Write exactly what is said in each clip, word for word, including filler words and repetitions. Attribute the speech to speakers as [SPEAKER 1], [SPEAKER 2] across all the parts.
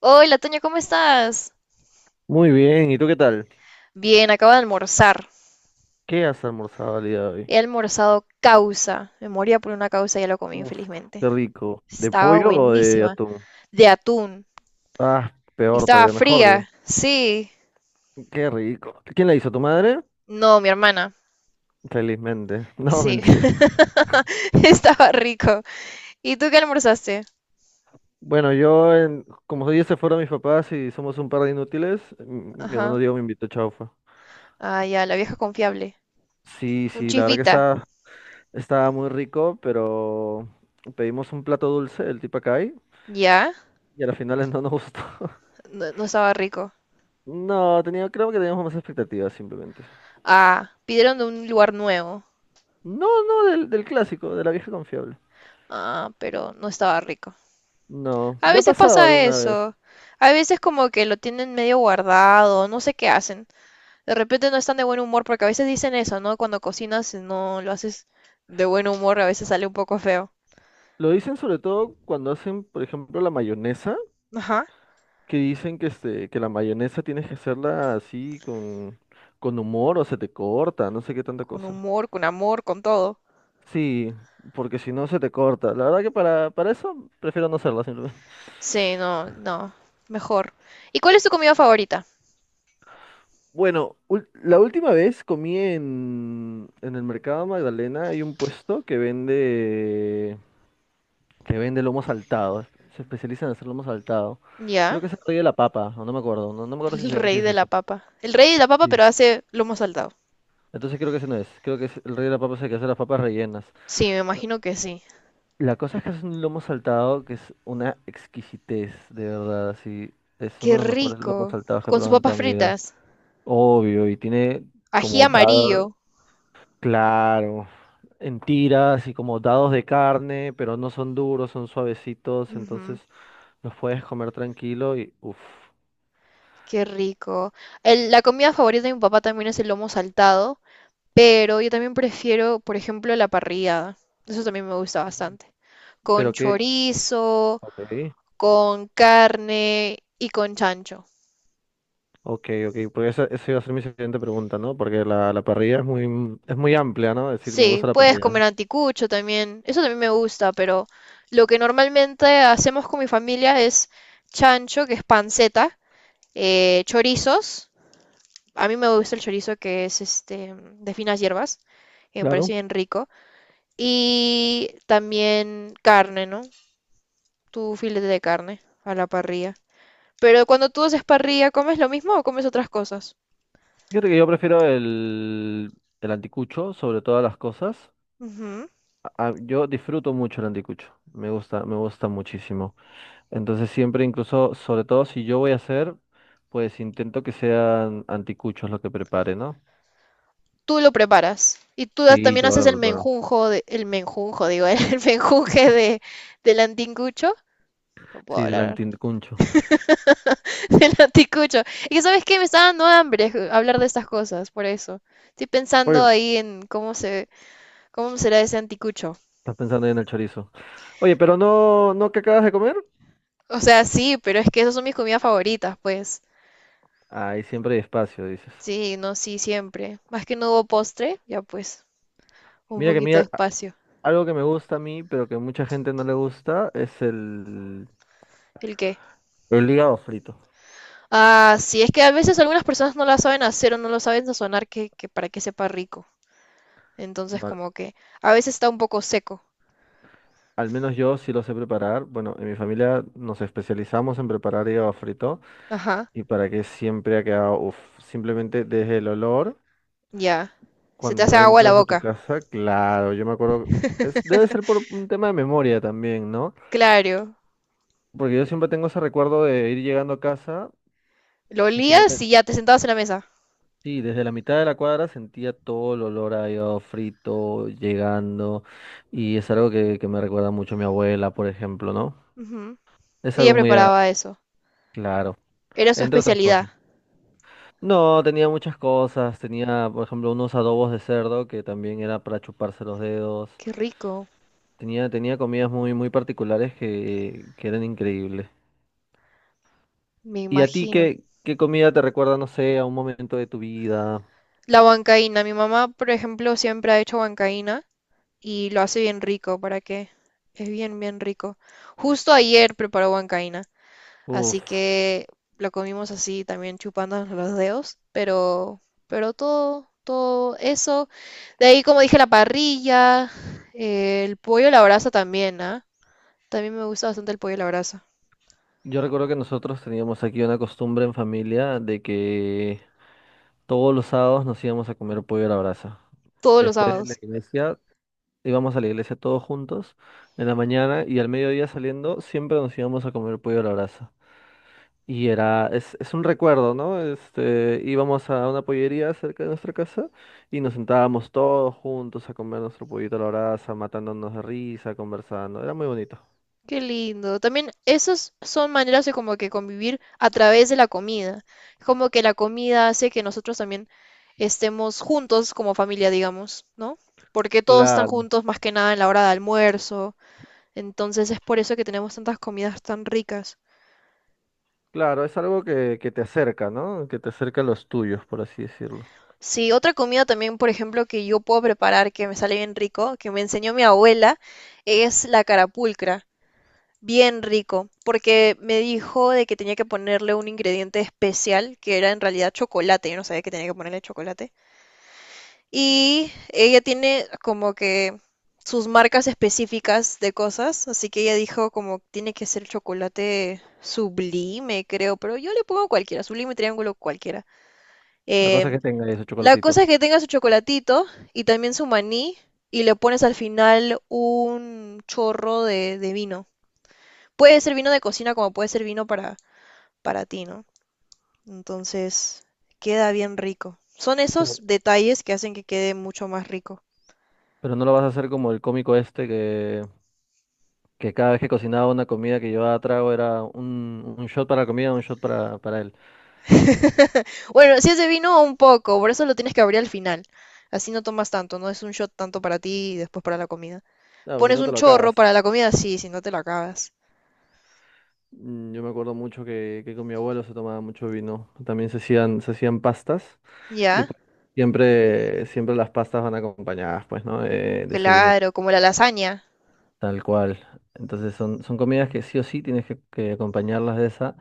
[SPEAKER 1] Hola, Toño, ¿cómo estás?
[SPEAKER 2] Muy bien, ¿y tú qué tal?
[SPEAKER 1] Bien, acabo de almorzar.
[SPEAKER 2] ¿Qué has almorzado el día de hoy?
[SPEAKER 1] He almorzado causa. Me moría por una causa y ya lo comí,
[SPEAKER 2] Uf,
[SPEAKER 1] felizmente.
[SPEAKER 2] qué rico. ¿De
[SPEAKER 1] Estaba
[SPEAKER 2] pollo o de
[SPEAKER 1] buenísima.
[SPEAKER 2] atún?
[SPEAKER 1] De atún.
[SPEAKER 2] Ah,
[SPEAKER 1] Y
[SPEAKER 2] peor
[SPEAKER 1] estaba
[SPEAKER 2] todavía, mejor digo.
[SPEAKER 1] fría. Sí.
[SPEAKER 2] Qué rico. ¿Quién la hizo? ¿Tu madre?
[SPEAKER 1] No, mi hermana.
[SPEAKER 2] Felizmente. No,
[SPEAKER 1] Sí.
[SPEAKER 2] mentira.
[SPEAKER 1] Estaba rico. ¿Y tú qué almorzaste?
[SPEAKER 2] Bueno, yo, en- como ya se fueron mis papás y somos un par de inútiles, m- mi
[SPEAKER 1] Ajá.
[SPEAKER 2] hermano Diego me invitó chaufa.
[SPEAKER 1] Ah, ya, la vieja confiable.
[SPEAKER 2] Sí,
[SPEAKER 1] Un
[SPEAKER 2] sí, la verdad que
[SPEAKER 1] chisvita.
[SPEAKER 2] estaba, estaba muy rico, pero pedimos un plato dulce, el tipacay,
[SPEAKER 1] ¿Ya?
[SPEAKER 2] y a las finales no nos gustó.
[SPEAKER 1] No, no estaba rico.
[SPEAKER 2] No, tenía, creo que teníamos más expectativas simplemente.
[SPEAKER 1] Ah, pidieron de un lugar nuevo.
[SPEAKER 2] No, no, del, del clásico, de la vieja confiable.
[SPEAKER 1] Ah, pero no estaba rico.
[SPEAKER 2] No,
[SPEAKER 1] A
[SPEAKER 2] ya ha
[SPEAKER 1] veces
[SPEAKER 2] pasado
[SPEAKER 1] pasa
[SPEAKER 2] alguna vez.
[SPEAKER 1] eso. A veces como que lo tienen medio guardado, no sé qué hacen. De repente no están de buen humor porque a veces dicen eso, ¿no? Cuando cocinas, si no lo haces de buen humor, a veces sale un poco feo.
[SPEAKER 2] Lo dicen sobre todo cuando hacen, por ejemplo, la mayonesa,
[SPEAKER 1] Ajá.
[SPEAKER 2] que dicen que, este, que la mayonesa tienes que hacerla así con, con humor o se te corta, no sé qué tanta
[SPEAKER 1] Con
[SPEAKER 2] cosa.
[SPEAKER 1] humor, con amor, con todo.
[SPEAKER 2] Sí, porque si no se te corta. La verdad que para, para eso prefiero no hacerla simplemente.
[SPEAKER 1] Sí, no, no. Mejor. ¿Y cuál es tu comida favorita?
[SPEAKER 2] Bueno, ul- la última vez comí en, en el mercado Magdalena, hay un puesto que vende que vende lomo saltado. Se especializa en hacer lomo saltado.
[SPEAKER 1] Ya,
[SPEAKER 2] Creo que es el rey de la papa, o no me acuerdo. No, no me acuerdo si,
[SPEAKER 1] el
[SPEAKER 2] sea- si
[SPEAKER 1] rey
[SPEAKER 2] es
[SPEAKER 1] de la
[SPEAKER 2] ese.
[SPEAKER 1] papa. El rey de la papa,
[SPEAKER 2] Sí.
[SPEAKER 1] pero hace lomo saltado.
[SPEAKER 2] Entonces creo que ese no es. Creo que es el rey de la papa es el que hace las papas rellenas.
[SPEAKER 1] Sí, me
[SPEAKER 2] Pero
[SPEAKER 1] imagino que sí.
[SPEAKER 2] la cosa es que es un lomo saltado que es una exquisitez, de verdad. Así, es uno
[SPEAKER 1] Qué
[SPEAKER 2] de los mejores lomos
[SPEAKER 1] rico.
[SPEAKER 2] saltados que he
[SPEAKER 1] Con sus
[SPEAKER 2] probado en
[SPEAKER 1] papas
[SPEAKER 2] toda mi vida.
[SPEAKER 1] fritas.
[SPEAKER 2] Obvio, y tiene
[SPEAKER 1] Ají
[SPEAKER 2] como
[SPEAKER 1] amarillo.
[SPEAKER 2] dados, claro, en tiras y como dados de carne, pero no son duros, son suavecitos.
[SPEAKER 1] Ujú.
[SPEAKER 2] Entonces los puedes comer tranquilo y uff.
[SPEAKER 1] Qué rico. El- la comida favorita de mi papá también es el lomo saltado, pero yo también prefiero, por ejemplo, la parrillada. Eso también me gusta bastante. Con
[SPEAKER 2] Pero qué,
[SPEAKER 1] chorizo,
[SPEAKER 2] ok,
[SPEAKER 1] con carne y con chancho.
[SPEAKER 2] ok, ok, porque esa, esa iba a ser mi siguiente pregunta, ¿no? Porque la, la parrilla es muy, es muy amplia, ¿no? Es decir, me
[SPEAKER 1] Sí,
[SPEAKER 2] gusta la
[SPEAKER 1] puedes
[SPEAKER 2] parrilla.
[SPEAKER 1] comer anticucho también. Eso también me gusta, pero lo que normalmente hacemos con mi familia es chancho, que es panceta, eh, chorizos. A mí me gusta el chorizo que es este de finas hierbas, que me parece
[SPEAKER 2] Claro.
[SPEAKER 1] bien rico. Y también carne, ¿no? Tu filete de carne a la parrilla. Pero cuando tú haces parrilla, ¿comes lo mismo o comes otras cosas?
[SPEAKER 2] Fíjate que yo prefiero el, el anticucho sobre todas las cosas.
[SPEAKER 1] Ujú.
[SPEAKER 2] A- a- yo disfruto mucho el anticucho, me gusta, me gusta muchísimo. Entonces siempre, incluso, sobre todo si yo voy a hacer, pues intento que sean anticuchos lo que prepare, ¿no?
[SPEAKER 1] Tú lo preparas. Y tú das-
[SPEAKER 2] Sí,
[SPEAKER 1] también
[SPEAKER 2] yo
[SPEAKER 1] haces
[SPEAKER 2] lo
[SPEAKER 1] el
[SPEAKER 2] preparo.
[SPEAKER 1] menjunjo, de- el menjunjo, digo, el menjunje de, del antincucho. No puedo
[SPEAKER 2] Sí, del
[SPEAKER 1] hablar ahora.
[SPEAKER 2] anticucho.
[SPEAKER 1] Del anticucho. Y que, sabes qué, me está dando hambre ju- hablar de estas cosas, por eso. Estoy pensando
[SPEAKER 2] Oye,
[SPEAKER 1] ahí en cómo se, cómo será ese anticucho.
[SPEAKER 2] estás pensando ahí en el chorizo. Oye, pero no, ¿no que acabas de comer?
[SPEAKER 1] O sea, sí, pero es que esas son mis comidas favoritas, pues.
[SPEAKER 2] Ahí siempre hay espacio, dices.
[SPEAKER 1] Sí, no, sí, siempre. Más que no hubo postre, ya pues, un
[SPEAKER 2] Mira que
[SPEAKER 1] poquito de
[SPEAKER 2] mira, a-
[SPEAKER 1] espacio.
[SPEAKER 2] algo que me gusta a mí, pero que a mucha gente no le gusta, es el,
[SPEAKER 1] ¿El qué?
[SPEAKER 2] el hígado frito.
[SPEAKER 1] Ah, sí, es que a veces algunas personas no la saben hacer o no lo saben sazonar que, que para que sepa rico. Entonces,
[SPEAKER 2] No, al
[SPEAKER 1] como que a veces está un poco seco.
[SPEAKER 2] al menos yo sí lo sé preparar. Bueno, en mi familia nos especializamos en preparar hígado frito
[SPEAKER 1] Ajá,
[SPEAKER 2] y para que siempre ha quedado, uf, simplemente desde el olor,
[SPEAKER 1] ya. Se te hace
[SPEAKER 2] cuando
[SPEAKER 1] agua la
[SPEAKER 2] entras a tu
[SPEAKER 1] boca.
[SPEAKER 2] casa, claro, yo me acuerdo, es, debe ser por un tema de memoria también, ¿no?
[SPEAKER 1] Claro.
[SPEAKER 2] Porque yo siempre tengo ese recuerdo de ir llegando a casa
[SPEAKER 1] Lo
[SPEAKER 2] y creo que
[SPEAKER 1] olías y ya te sentabas en la mesa.
[SPEAKER 2] sí, desde la mitad de la cuadra sentía todo el olor a hígado frito llegando y es algo que, que me recuerda mucho a mi abuela, por ejemplo, ¿no?
[SPEAKER 1] Ujú.
[SPEAKER 2] Es
[SPEAKER 1] Ella
[SPEAKER 2] algo muy
[SPEAKER 1] preparaba
[SPEAKER 2] agradable,
[SPEAKER 1] eso.
[SPEAKER 2] claro,
[SPEAKER 1] Era su
[SPEAKER 2] entre otras
[SPEAKER 1] especialidad.
[SPEAKER 2] cosas. No, tenía muchas cosas, tenía, por ejemplo, unos adobos de cerdo que también era para chuparse los dedos.
[SPEAKER 1] Qué rico,
[SPEAKER 2] Tenía, tenía comidas muy, muy particulares que, que eran increíbles.
[SPEAKER 1] me
[SPEAKER 2] ¿Y a ti
[SPEAKER 1] imagino.
[SPEAKER 2] qué, qué comida te recuerda, no sé, a un momento de tu vida?
[SPEAKER 1] La huancaína. Mi mamá, por ejemplo, siempre ha hecho huancaína y lo hace bien rico, ¿para qué? Es bien, bien rico. Justo ayer preparó huancaína, así
[SPEAKER 2] Uf.
[SPEAKER 1] que lo comimos así también chupándonos los dedos, pero, pero todo, todo eso. De ahí, como dije, la parrilla, eh, el pollo a la brasa también, ¿ah? También me gusta bastante el pollo a la brasa,
[SPEAKER 2] Yo recuerdo que nosotros teníamos aquí una costumbre en familia de que todos los sábados nos íbamos a comer pollo a la brasa.
[SPEAKER 1] todos los
[SPEAKER 2] Después de la
[SPEAKER 1] sábados.
[SPEAKER 2] iglesia, íbamos a la iglesia todos juntos en la mañana y al mediodía saliendo siempre nos íbamos a comer pollo a la brasa. Y era, es, es un recuerdo, ¿no? Este, íbamos a una pollería cerca de nuestra casa y nos sentábamos todos juntos a comer nuestro pollito a la brasa, matándonos de risa, conversando. Era muy bonito.
[SPEAKER 1] Qué lindo. También esas son maneras de como que convivir a través de la comida. Como que la comida hace que nosotros también estemos juntos como familia, digamos, ¿no? Porque todos están
[SPEAKER 2] Claro.
[SPEAKER 1] juntos más que nada en la hora de almuerzo. Entonces es por eso que tenemos tantas comidas tan ricas.
[SPEAKER 2] Claro, es algo que, que te acerca, ¿no? Que te acerca a los tuyos, por así decirlo.
[SPEAKER 1] Sí, otra comida también, por ejemplo, que yo puedo preparar, que me sale bien rico, que me enseñó mi abuela, es la carapulcra. Bien rico, porque me dijo de que tenía que ponerle un ingrediente especial, que era en realidad chocolate, yo no sabía que tenía que ponerle chocolate. Y ella tiene como que sus marcas específicas de cosas, así que ella dijo como tiene que ser chocolate Sublime, creo, pero yo le pongo cualquiera, Sublime, Triángulo, cualquiera.
[SPEAKER 2] La cosa es
[SPEAKER 1] Eh,
[SPEAKER 2] que tenga ese
[SPEAKER 1] la cosa es
[SPEAKER 2] chocolatito.
[SPEAKER 1] que tenga su chocolatito y también su maní y le pones al final un chorro de, de vino. Puede ser vino de cocina como puede ser vino para para ti, ¿no? Entonces, queda bien rico. Son esos
[SPEAKER 2] Pero,
[SPEAKER 1] detalles que hacen que quede mucho más rico.
[SPEAKER 2] pero no lo vas a hacer como el cómico este que, que cada vez que cocinaba una comida que llevaba trago era un, un shot para la comida, un shot para, para él.
[SPEAKER 1] Bueno, si es de vino, un poco, por eso lo tienes que abrir al final. Así no tomas tanto, no es un shot tanto para ti y después para la comida.
[SPEAKER 2] Claro, si
[SPEAKER 1] Pones
[SPEAKER 2] no
[SPEAKER 1] un
[SPEAKER 2] te lo
[SPEAKER 1] chorro
[SPEAKER 2] acabas.
[SPEAKER 1] para la comida, sí, si no te lo acabas.
[SPEAKER 2] Mm, yo me acuerdo mucho que, que con mi abuelo se tomaba mucho vino. También se hacían, se hacían pastas y
[SPEAKER 1] ¿Ya?
[SPEAKER 2] pues siempre, siempre las pastas van acompañadas, pues, ¿no? De, de su vinito.
[SPEAKER 1] Claro, como la lasaña.
[SPEAKER 2] Tal cual. Entonces son, son comidas que sí o sí tienes que, que acompañarlas de esa.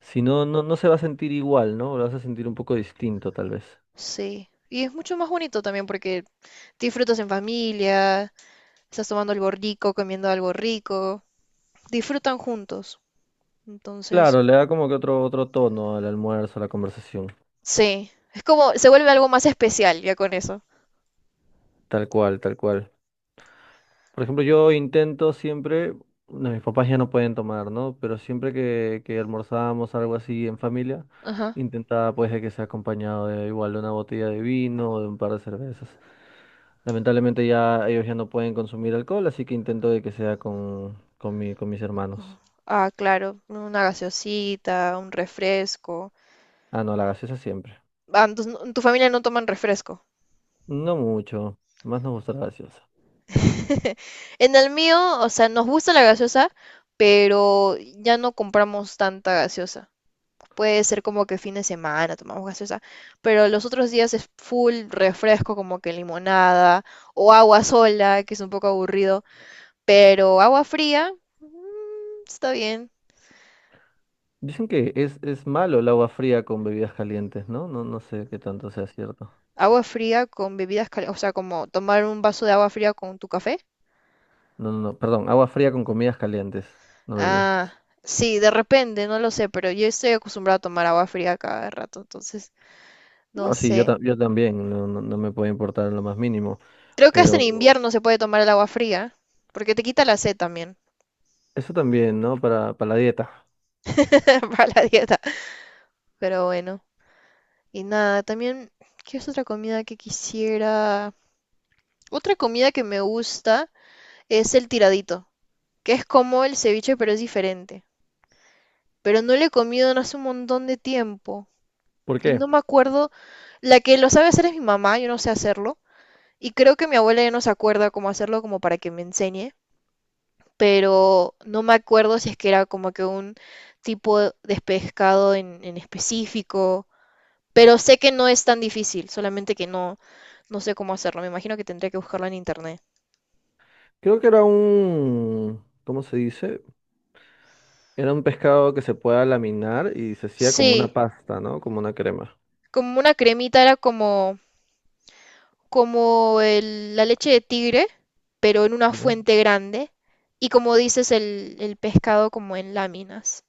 [SPEAKER 2] Si no, no, no se va a sentir igual, ¿no? Lo vas a sentir un poco distinto, tal vez.
[SPEAKER 1] Sí. Y es mucho más bonito también porque disfrutas en familia, estás tomando algo rico, comiendo algo rico, disfrutan juntos. Entonces,
[SPEAKER 2] Claro, le da como que otro, otro tono al almuerzo, a la conversación.
[SPEAKER 1] sí, es como, se vuelve algo más especial ya con eso.
[SPEAKER 2] Tal cual, tal cual. Por ejemplo, yo intento siempre, no, mis papás ya no pueden tomar, ¿no? Pero siempre que, que almorzábamos algo así en familia,
[SPEAKER 1] Ajá.
[SPEAKER 2] intentaba pues de que sea acompañado de igual de una botella de vino o de un par de cervezas. Lamentablemente ya ellos ya no pueden consumir alcohol, así que intento de que sea con, con mi, con mis
[SPEAKER 1] Ujú.
[SPEAKER 2] hermanos.
[SPEAKER 1] Ah, claro, una gaseosita, un refresco.
[SPEAKER 2] Ah, no, la gaseosa siempre.
[SPEAKER 1] Ah, entonces no- en tu familia no toman refresco.
[SPEAKER 2] No mucho, más nos gusta la gaseosa.
[SPEAKER 1] En el mío, o sea, nos gusta la gaseosa, pero ya no compramos tanta gaseosa. Puede ser como que fin de semana tomamos gaseosa, pero los otros días es full refresco, como que limonada o agua sola, que es un poco aburrido, pero agua fría, mm, está bien.
[SPEAKER 2] Dicen que es, es malo el agua fría con bebidas calientes, ¿no? No, no sé qué tanto sea cierto.
[SPEAKER 1] Agua fría con bebidas calientes, o sea, como tomar un vaso de agua fría con tu café.
[SPEAKER 2] No, no, no, perdón, agua fría con comidas calientes, no bebidas.
[SPEAKER 1] Ah, sí, de repente, no lo sé, pero yo estoy acostumbrada a tomar agua fría cada rato, entonces, no
[SPEAKER 2] No, sí, yo,
[SPEAKER 1] sé.
[SPEAKER 2] ta- yo también, no, no, no me puede importar en lo más mínimo,
[SPEAKER 1] Creo que hasta en
[SPEAKER 2] pero
[SPEAKER 1] invierno se puede tomar el agua fría, porque te quita la sed también
[SPEAKER 2] eso también, ¿no? Para, para la dieta.
[SPEAKER 1] para la dieta. Pero bueno, y nada, también, ¿qué es otra comida que quisiera? Otra comida que me gusta es el tiradito, que es como el ceviche, pero es diferente. Pero no lo he comido en hace un montón de tiempo.
[SPEAKER 2] ¿Por
[SPEAKER 1] Y
[SPEAKER 2] qué?
[SPEAKER 1] no me acuerdo, la que lo sabe hacer es mi mamá, yo no sé hacerlo. Y creo que mi abuela ya no se acuerda cómo hacerlo como para que me enseñe, pero no me acuerdo si es que era como que un tipo de pescado en, en específico. Pero sé que no es tan difícil, solamente que no, no sé cómo hacerlo. Me imagino que tendría que buscarlo en internet.
[SPEAKER 2] Creo que era un, ¿cómo se dice? Era un pescado que se pueda laminar y se hacía como una
[SPEAKER 1] Sí,
[SPEAKER 2] pasta, ¿no? Como una crema.
[SPEAKER 1] como una cremita era como, como el- la leche de tigre, pero en una
[SPEAKER 2] Ya.
[SPEAKER 1] fuente grande. Y como dices, el, el pescado como en láminas.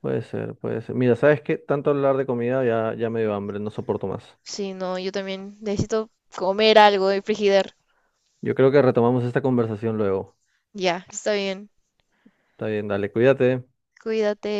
[SPEAKER 2] Puede ser, puede ser. Mira, ¿sabes qué? Tanto hablar de comida ya, ya me dio hambre, no soporto más.
[SPEAKER 1] Sí, no, yo también necesito comer algo de Frigidaire.
[SPEAKER 2] Yo creo que retomamos esta conversación luego.
[SPEAKER 1] Ya, está bien.
[SPEAKER 2] Está bien, dale, cuídate.
[SPEAKER 1] Cuídate.